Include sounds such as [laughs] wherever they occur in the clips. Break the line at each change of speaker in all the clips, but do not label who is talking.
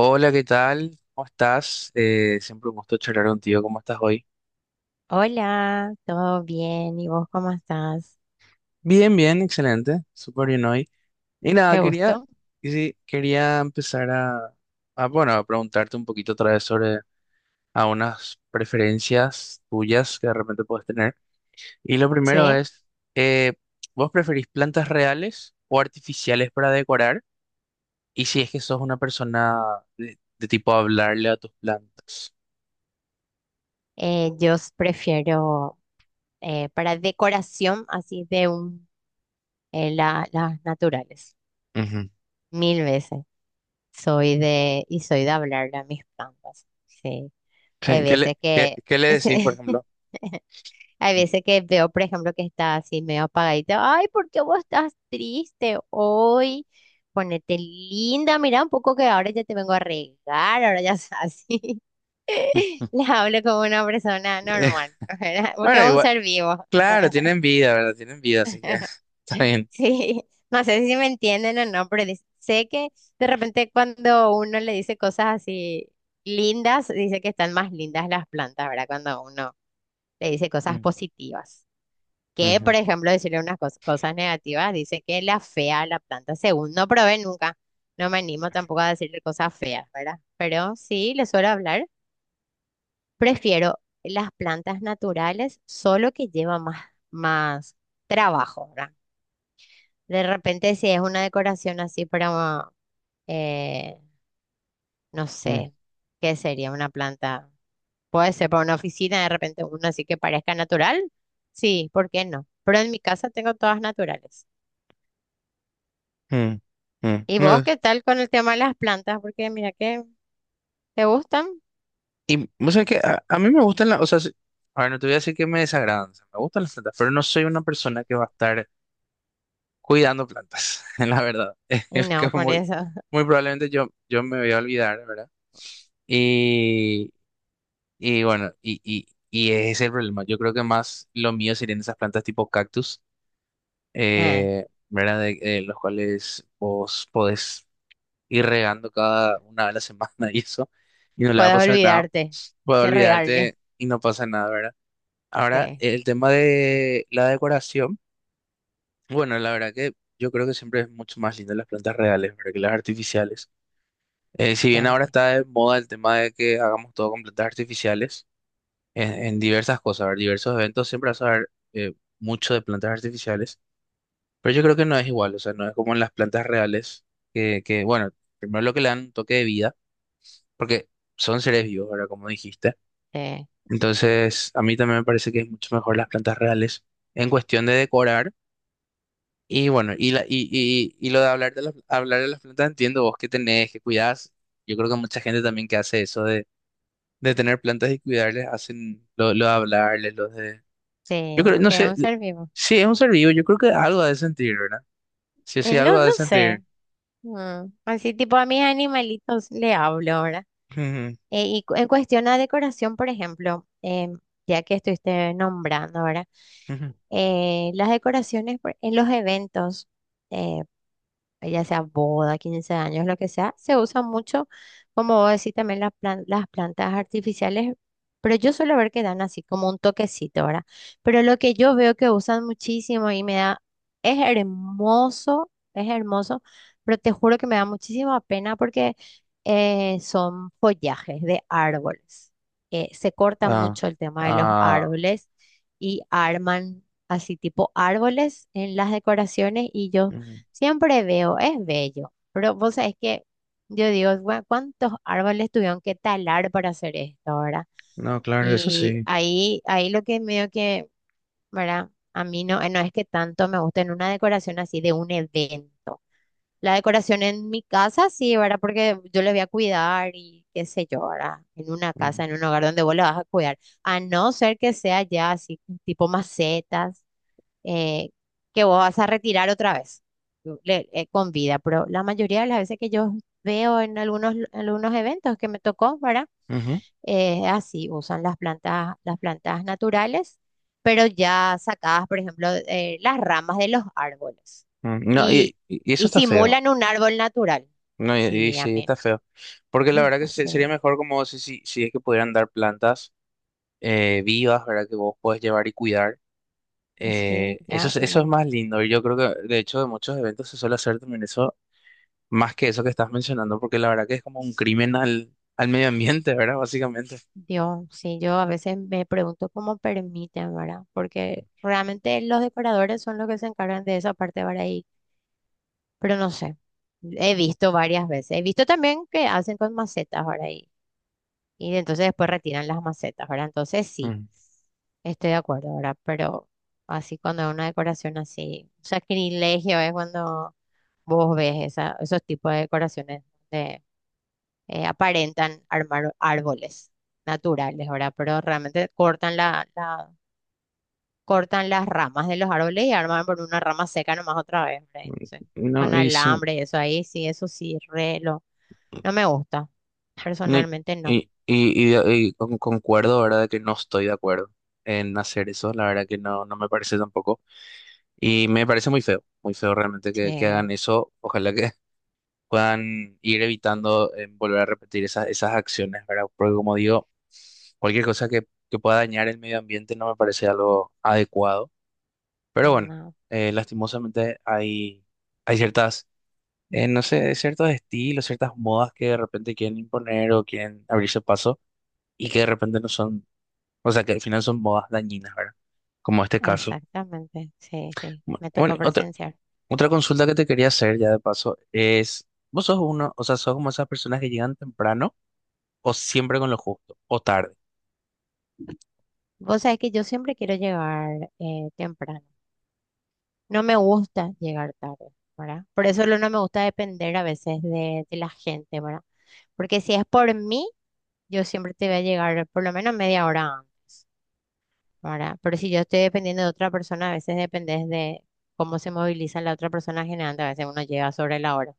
Hola, ¿qué tal? ¿Cómo estás? Siempre un gusto charlar contigo. ¿Cómo estás hoy?
Hola, ¿todo bien? ¿Y vos cómo estás?
Bien, bien, excelente. Súper bien hoy. Y nada,
Qué
quería,
gusto.
y sí, quería empezar bueno, a preguntarte un poquito otra vez sobre a unas preferencias tuyas que de repente puedes tener. Y lo primero
Che,
es, eh, ¿vos preferís plantas reales o artificiales para decorar? Y si es que sos una persona de tipo hablarle a tus plantas.
Yo prefiero para decoración así de un las naturales,
Ujú.
mil veces. Soy de hablarle a mis plantas. Sí, hay
Sí, ¿Qué
veces
le, qué,
que
qué le decís, por
[laughs] sí,
ejemplo?
hay veces que veo, por ejemplo, que está así medio apagadita. Ay, ¿por qué vos estás triste hoy? Ponete linda, mira un poco que ahora ya te vengo a regar, ahora ya [laughs] así.
[laughs]
[laughs] les hablo como una persona
[laughs] Eh,
normal, ¿verdad? [laughs] Porque es
bueno,
un
igual,
ser vivo.
claro, tienen vida, ¿verdad? Tienen vida, así que [laughs] está
[laughs]
bien.
Sí, no sé si me entienden o no, pero sé que de repente cuando uno le dice cosas así lindas, dice que están más lindas las plantas, ¿verdad? Cuando uno le dice cosas
Mm,
positivas. Que, por
ujú,
ejemplo, decirle unas cosas negativas, dice que la fea a la planta, según no probé nunca. No me animo tampoco a decirle cosas feas, ¿verdad? Pero sí, le suelo hablar. Prefiero las plantas naturales, solo que lleva más trabajo, ¿verdad? De repente, si es una decoración así para, eh, no
mm,
sé, ¿qué sería una planta? Puede ser para una oficina, de repente una así que parezca natural. Sí, ¿por qué no? Pero en mi casa tengo todas naturales.
mm, mm.
¿Y vos
No,
qué tal con el tema de las plantas? Porque mira que te gustan
y vos sabés que a mí me gustan o sea, a ver, no te voy a decir que me desagradan, o sea, me gustan las plantas, pero no soy una persona que va a estar cuidando plantas, [laughs] la verdad. [laughs]
y
Es que
no, por
muy,
eso.
muy probablemente yo me voy a olvidar, ¿verdad? Y, y bueno, y ese es el problema. Yo creo que más lo mío serían esas plantas tipo cactus.
[laughs] eh,
¿Verdad? Los cuales vos podés ir regando cada una vez a la semana [laughs] y eso, y no le va a
Puedes
pasar nada.
olvidarte
Puedo
de regarle.
olvidarte y no pasa nada, ¿verdad? Ahora,
Sí,
el tema de la decoración, bueno, la verdad que yo creo que siempre es mucho más lindo las plantas reales, ¿verdad? Que las artificiales. Si bien ahora
siempre.
está de moda el tema de que hagamos todo con plantas artificiales, en diversas cosas, ¿verdad? Diversos eventos siempre vas a ver mucho de plantas artificiales. Pero yo creo que no es igual, o sea, no es como en las plantas reales, que bueno, primero lo que le dan un toque de vida, porque son seres vivos, ahora como dijiste.
Sí.
Entonces, a mí también me parece que es mucho mejor las plantas reales en cuestión de decorar. Y bueno, y lo de hablar hablar de las plantas, entiendo vos que tenés, que cuidás. Yo creo que mucha gente también que hace eso de tener plantas y cuidarles, hacen lo de hablarles, los de...
Sí,
Yo creo, no
porque es
sé,
un ser vivo.
sí, es un ser vivo, yo creo que algo ha de sentir, ¿verdad? Sí, sí,
Y
algo
no,
ha
no
de
sé.
sentir.
Así tipo a mis animalitos le hablo ahora.
Ujú,
Y en cuestión a decoración, por ejemplo, ya que estuviste nombrando ahora,
ujú.
las decoraciones en los eventos. eh, ya sea boda, 15 años, lo que sea, se usa mucho, como vos decís, también las las plantas artificiales, pero yo suelo ver que dan así como un toquecito, ¿verdad? Pero lo que yo veo que usan muchísimo y me da, es hermoso, pero te juro que me da muchísima pena porque son follajes de árboles. Se corta
Ah,
mucho el tema de los
ah,
árboles y arman así tipo árboles en las decoraciones, y yo
mm,
siempre veo, es bello, pero vos sabés que yo digo, ¿cuántos árboles tuvieron que talar para hacer esto?", ¿verdad?
no, claro, eso
Y
sí.
ahí lo que medio que, ¿verdad? A mí no, no es que tanto me guste en una decoración así de un evento. La decoración en mi casa, sí, ¿verdad? Porque yo le voy a cuidar y qué sé yo, ¿verdad? En una
Mm,
casa, en un hogar donde vos le vas a cuidar. A no ser que sea ya así, tipo macetas eh, que vos vas a retirar otra vez con vida. Pero la mayoría de las veces que yo veo en algunos eventos que me tocó, ¿verdad?
ujú,
Así usan las plantas naturales, pero ya sacadas, por ejemplo, las ramas de los árboles
mm. No, y,
y,
y- y eso
y
está feo.
simulan un árbol natural.
No, y,
Sí, a
sí,
mí,
está feo. Porque la
[laughs]
verdad que
no sé,
sería mejor como si es que pudieran dar plantas vivas, ¿verdad? Que vos puedes llevar y cuidar.
sí,
Eso,
ya,
eso es
bueno,
más lindo. Y yo creo que, de hecho, de muchos eventos se suele hacer también eso, más que eso que estás mencionando, porque la verdad que es como un crimen al medio ambiente, ¿verdad? Básicamente.
Dios, sí, yo a veces me pregunto cómo permiten, ¿verdad? Porque realmente los decoradores son los que se encargan de esa parte, ¿verdad? Pero no sé, he visto varias veces. He visto también que hacen con macetas, ¿verdad? Y entonces después retiran las macetas, ¿verdad? Entonces sí,
Mm.
estoy de acuerdo, ¿verdad? Pero así cuando es una decoración así, un sacrilegio es cuando vos ves esa, esos tipos de decoraciones donde aparentan armar árboles naturales, ¿verdad? Pero realmente cortan la cortan las ramas de los árboles y arman por una rama seca nomás otra vez, ¿verdad? Entonces, con
No, y sí.
alambre y eso ahí, sí, eso sí, re lo, no me gusta,
No,
personalmente no.
concuerdo, ¿verdad? Que no estoy de acuerdo en hacer eso, la verdad que no, no me parece tampoco. Y me parece muy feo realmente que
Sí,
hagan eso. Ojalá que [laughs] puedan ir evitando volver a repetir esas acciones, ¿verdad? Porque como digo, cualquier cosa que pueda dañar el medio ambiente no me parece algo adecuado. Pero bueno,
no,
lastimosamente hay ciertas, no sé, ciertos estilos, ciertas modas que de repente quieren imponer o quieren abrirse paso y que de repente no son, o sea, que al final son bodas dañinas, ¿verdad? Como este caso.
exactamente, sí, sí, me
Bueno,
tocó presenciar.
otra consulta que te quería hacer ya de paso es, ¿vos sos uno, o sea, sos como esas personas que llegan temprano o siempre con lo justo o tarde?
Vos sabés que yo siempre quiero llegar temprano, no me gusta llegar tarde, ¿verdad? Por eso no me gusta depender a veces de la gente, ¿verdad? Porque si es por mí, yo siempre te voy a llegar por lo menos media hora antes, ¿verdad? Pero si yo estoy dependiendo de otra persona, a veces dependes de cómo se moviliza la otra persona, generando a veces uno llega sobre la hora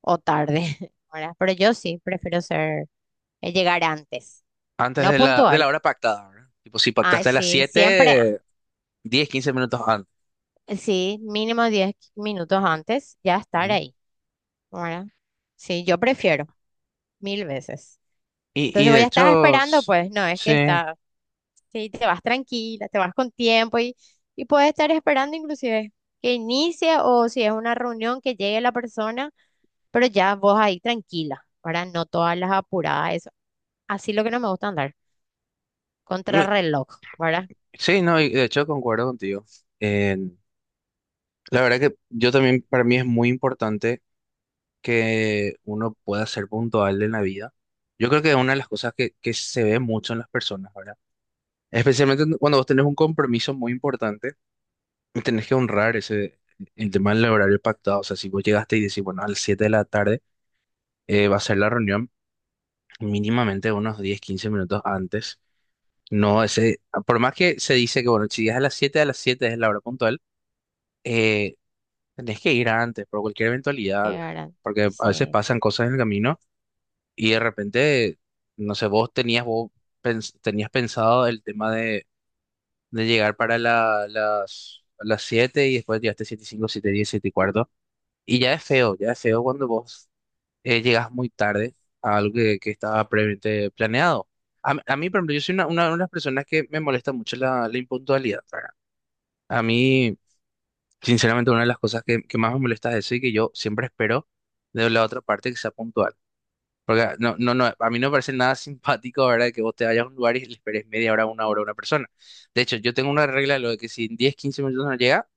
o tarde, [laughs] ¿verdad? Pero yo sí prefiero ser, llegar antes,
Antes
no
de la
puntual.
hora pactada, ¿verdad? Tipo, si
Ay,
pactaste a las
sí, siempre,
7 10 15 minutos antes.
sí, mínimo 10 minutos antes ya estar
Ujú.
ahí, ¿verdad? Sí, yo prefiero mil veces.
Y
Entonces
de
voy a estar
hecho,
esperando, pues no es
sí.
que está, sí, te vas tranquila, te vas con tiempo, y, puedes estar esperando inclusive que inicie, o si es una reunión, que llegue la persona, pero ya vos ahí tranquila, ¿verdad? No todas las apuradas, eso. Así lo que no me gusta, andar
Mm,
contrarreloj, ¿verdad?
sí, no, y de hecho concuerdo contigo. En- la verdad que yo también, para mí es muy importante que uno pueda ser puntual en la vida. Yo creo que es una de las cosas que se ve mucho en las personas, ¿verdad? Especialmente cuando vos tenés un compromiso muy importante y tenés que honrar ese, el tema del horario pactado. O sea, si vos llegaste y decís, bueno, a las 7 de la tarde, va a ser la reunión, mínimamente unos 10 15 minutos antes. No, ese, por más que se dice que, bueno, si es a las 7 a las 7 es la hora puntual, eh, tenés que ir antes por cualquier
Que,
eventualidad, ¿verdad?
¿verdad?
Porque a veces
Sí,
pasan cosas en el camino. Y de repente, no sé, vos tenías, tenías pensado el tema de llegar para las 7 y después llegaste 7 y 5 7 y 10, 7 y cuarto. Y ya es feo cuando vos llegas muy tarde a algo que estaba previamente planeado. A mí, por ejemplo, yo soy una de las personas que me molesta mucho la impuntualidad, ¿verdad? A mí, sinceramente, una de las cosas que más me molesta es eso y que yo siempre espero de la otra parte que sea puntual. Porque no, no, no, a mí no me parece nada simpático, ¿verdad? Que vos te vayas a un lugar y le esperes media hora, una hora a una persona. De hecho, yo tengo una regla de lo de que si en 10, 15 minutos no llega,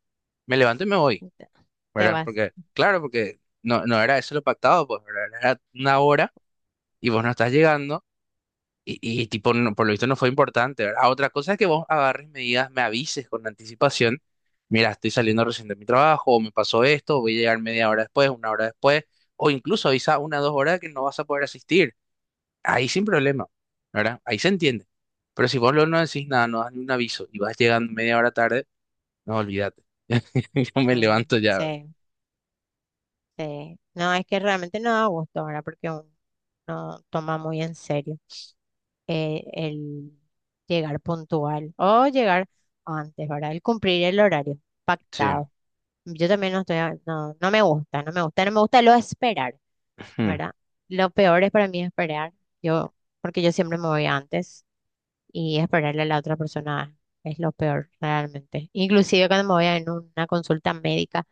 me levanto y me voy,
te te
¿verdad?
vas.
Porque, claro, porque no, no era eso lo pactado, pues, ¿verdad? Era una hora y vos no estás llegando y tipo, por lo visto no fue importante, ¿verdad? Ah, otra cosa es que vos agarres medidas, me avises con anticipación, mira, estoy saliendo recién de mi trabajo, o me pasó esto, voy a llegar media hora después, una hora después, o incluso avisa una o 2 horas que no vas a poder asistir ahí sin problema, ¿verdad? Ahí se entiende. Pero si vos luego no decís nada, no das ni un aviso y vas llegando media hora tarde, no, olvídate. [laughs] Yo me
Mm,
levanto ya, ¿verdad?
sí, sí. No, es que realmente no da gusto, ¿verdad? Porque uno no toma muy en serio el llegar puntual, o llegar antes, ¿verdad? El cumplir el horario
Sí.
pactado. Yo también no estoy, no, no me gusta, no me gusta, no me gusta lo de esperar,
Ujú.
¿verdad? Lo peor es para mí esperar, yo, porque yo siempre me voy antes, y esperarle a la otra persona es lo peor realmente. Inclusive cuando me voy a en una consulta médica,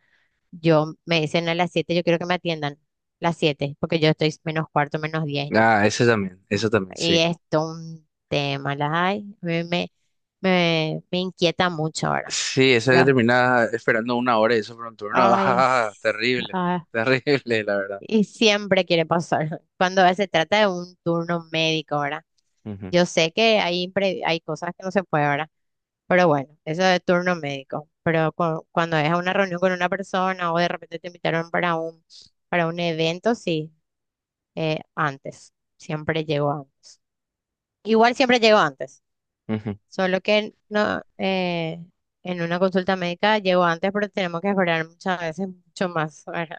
yo me dicen a las 7, yo quiero que me atiendan las 7, porque yo estoy menos cuarto, menos 10,
Ah,
¿no?
ese también, eso también,
Y
sí.
esto un tema, ay, me inquieta mucho ahora.
Sí, eso que
Pero,
terminaba esperando una hora y eso por un turno. [laughs]
ay,
Ah, terrible,
ah,
terrible, la verdad.
y siempre quiere pasar. [laughs] Cuando se trata de un turno médico, ¿verdad?
Ujú,
Yo sé que hay cosas que no se puede, ¿verdad? Pero bueno, eso de turno médico. Pero cuando es a una reunión con una persona, o de repente te invitaron para un, evento, sí, antes. Siempre llego antes. Igual siempre llego antes.
ujú.
Solo que no, en una consulta médica llego antes, pero tenemos que esperar muchas veces mucho más, ¿verdad?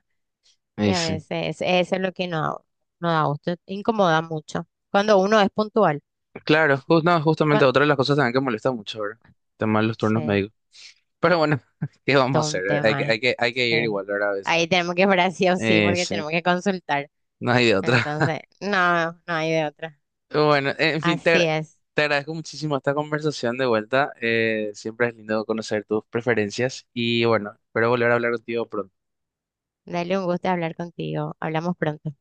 Y
Y
a
sí.
veces eso es lo que no da gusto, incomoda mucho. Cuando uno es puntual.
Claro, no, justamente
Cua-
otra de las cosas también que molesta mucho, ¿verdad? El tema de los turnos
sí,
médicos. Pero bueno, [laughs] ¿qué vamos a
todo un
hacer?
tema.
Hay que ir
Sí.
igual, ¿verdad? A veces.
Ahí tenemos que esperar sí o sí porque
Sí,
tenemos que consultar.
no hay de otra.
Entonces, no, no hay de otra.
Bueno, en fin,
Así es.
te agradezco muchísimo esta conversación de vuelta. Siempre es lindo conocer tus preferencias y bueno, espero volver a hablar contigo pronto.
Dale, un gusto hablar contigo. Hablamos pronto.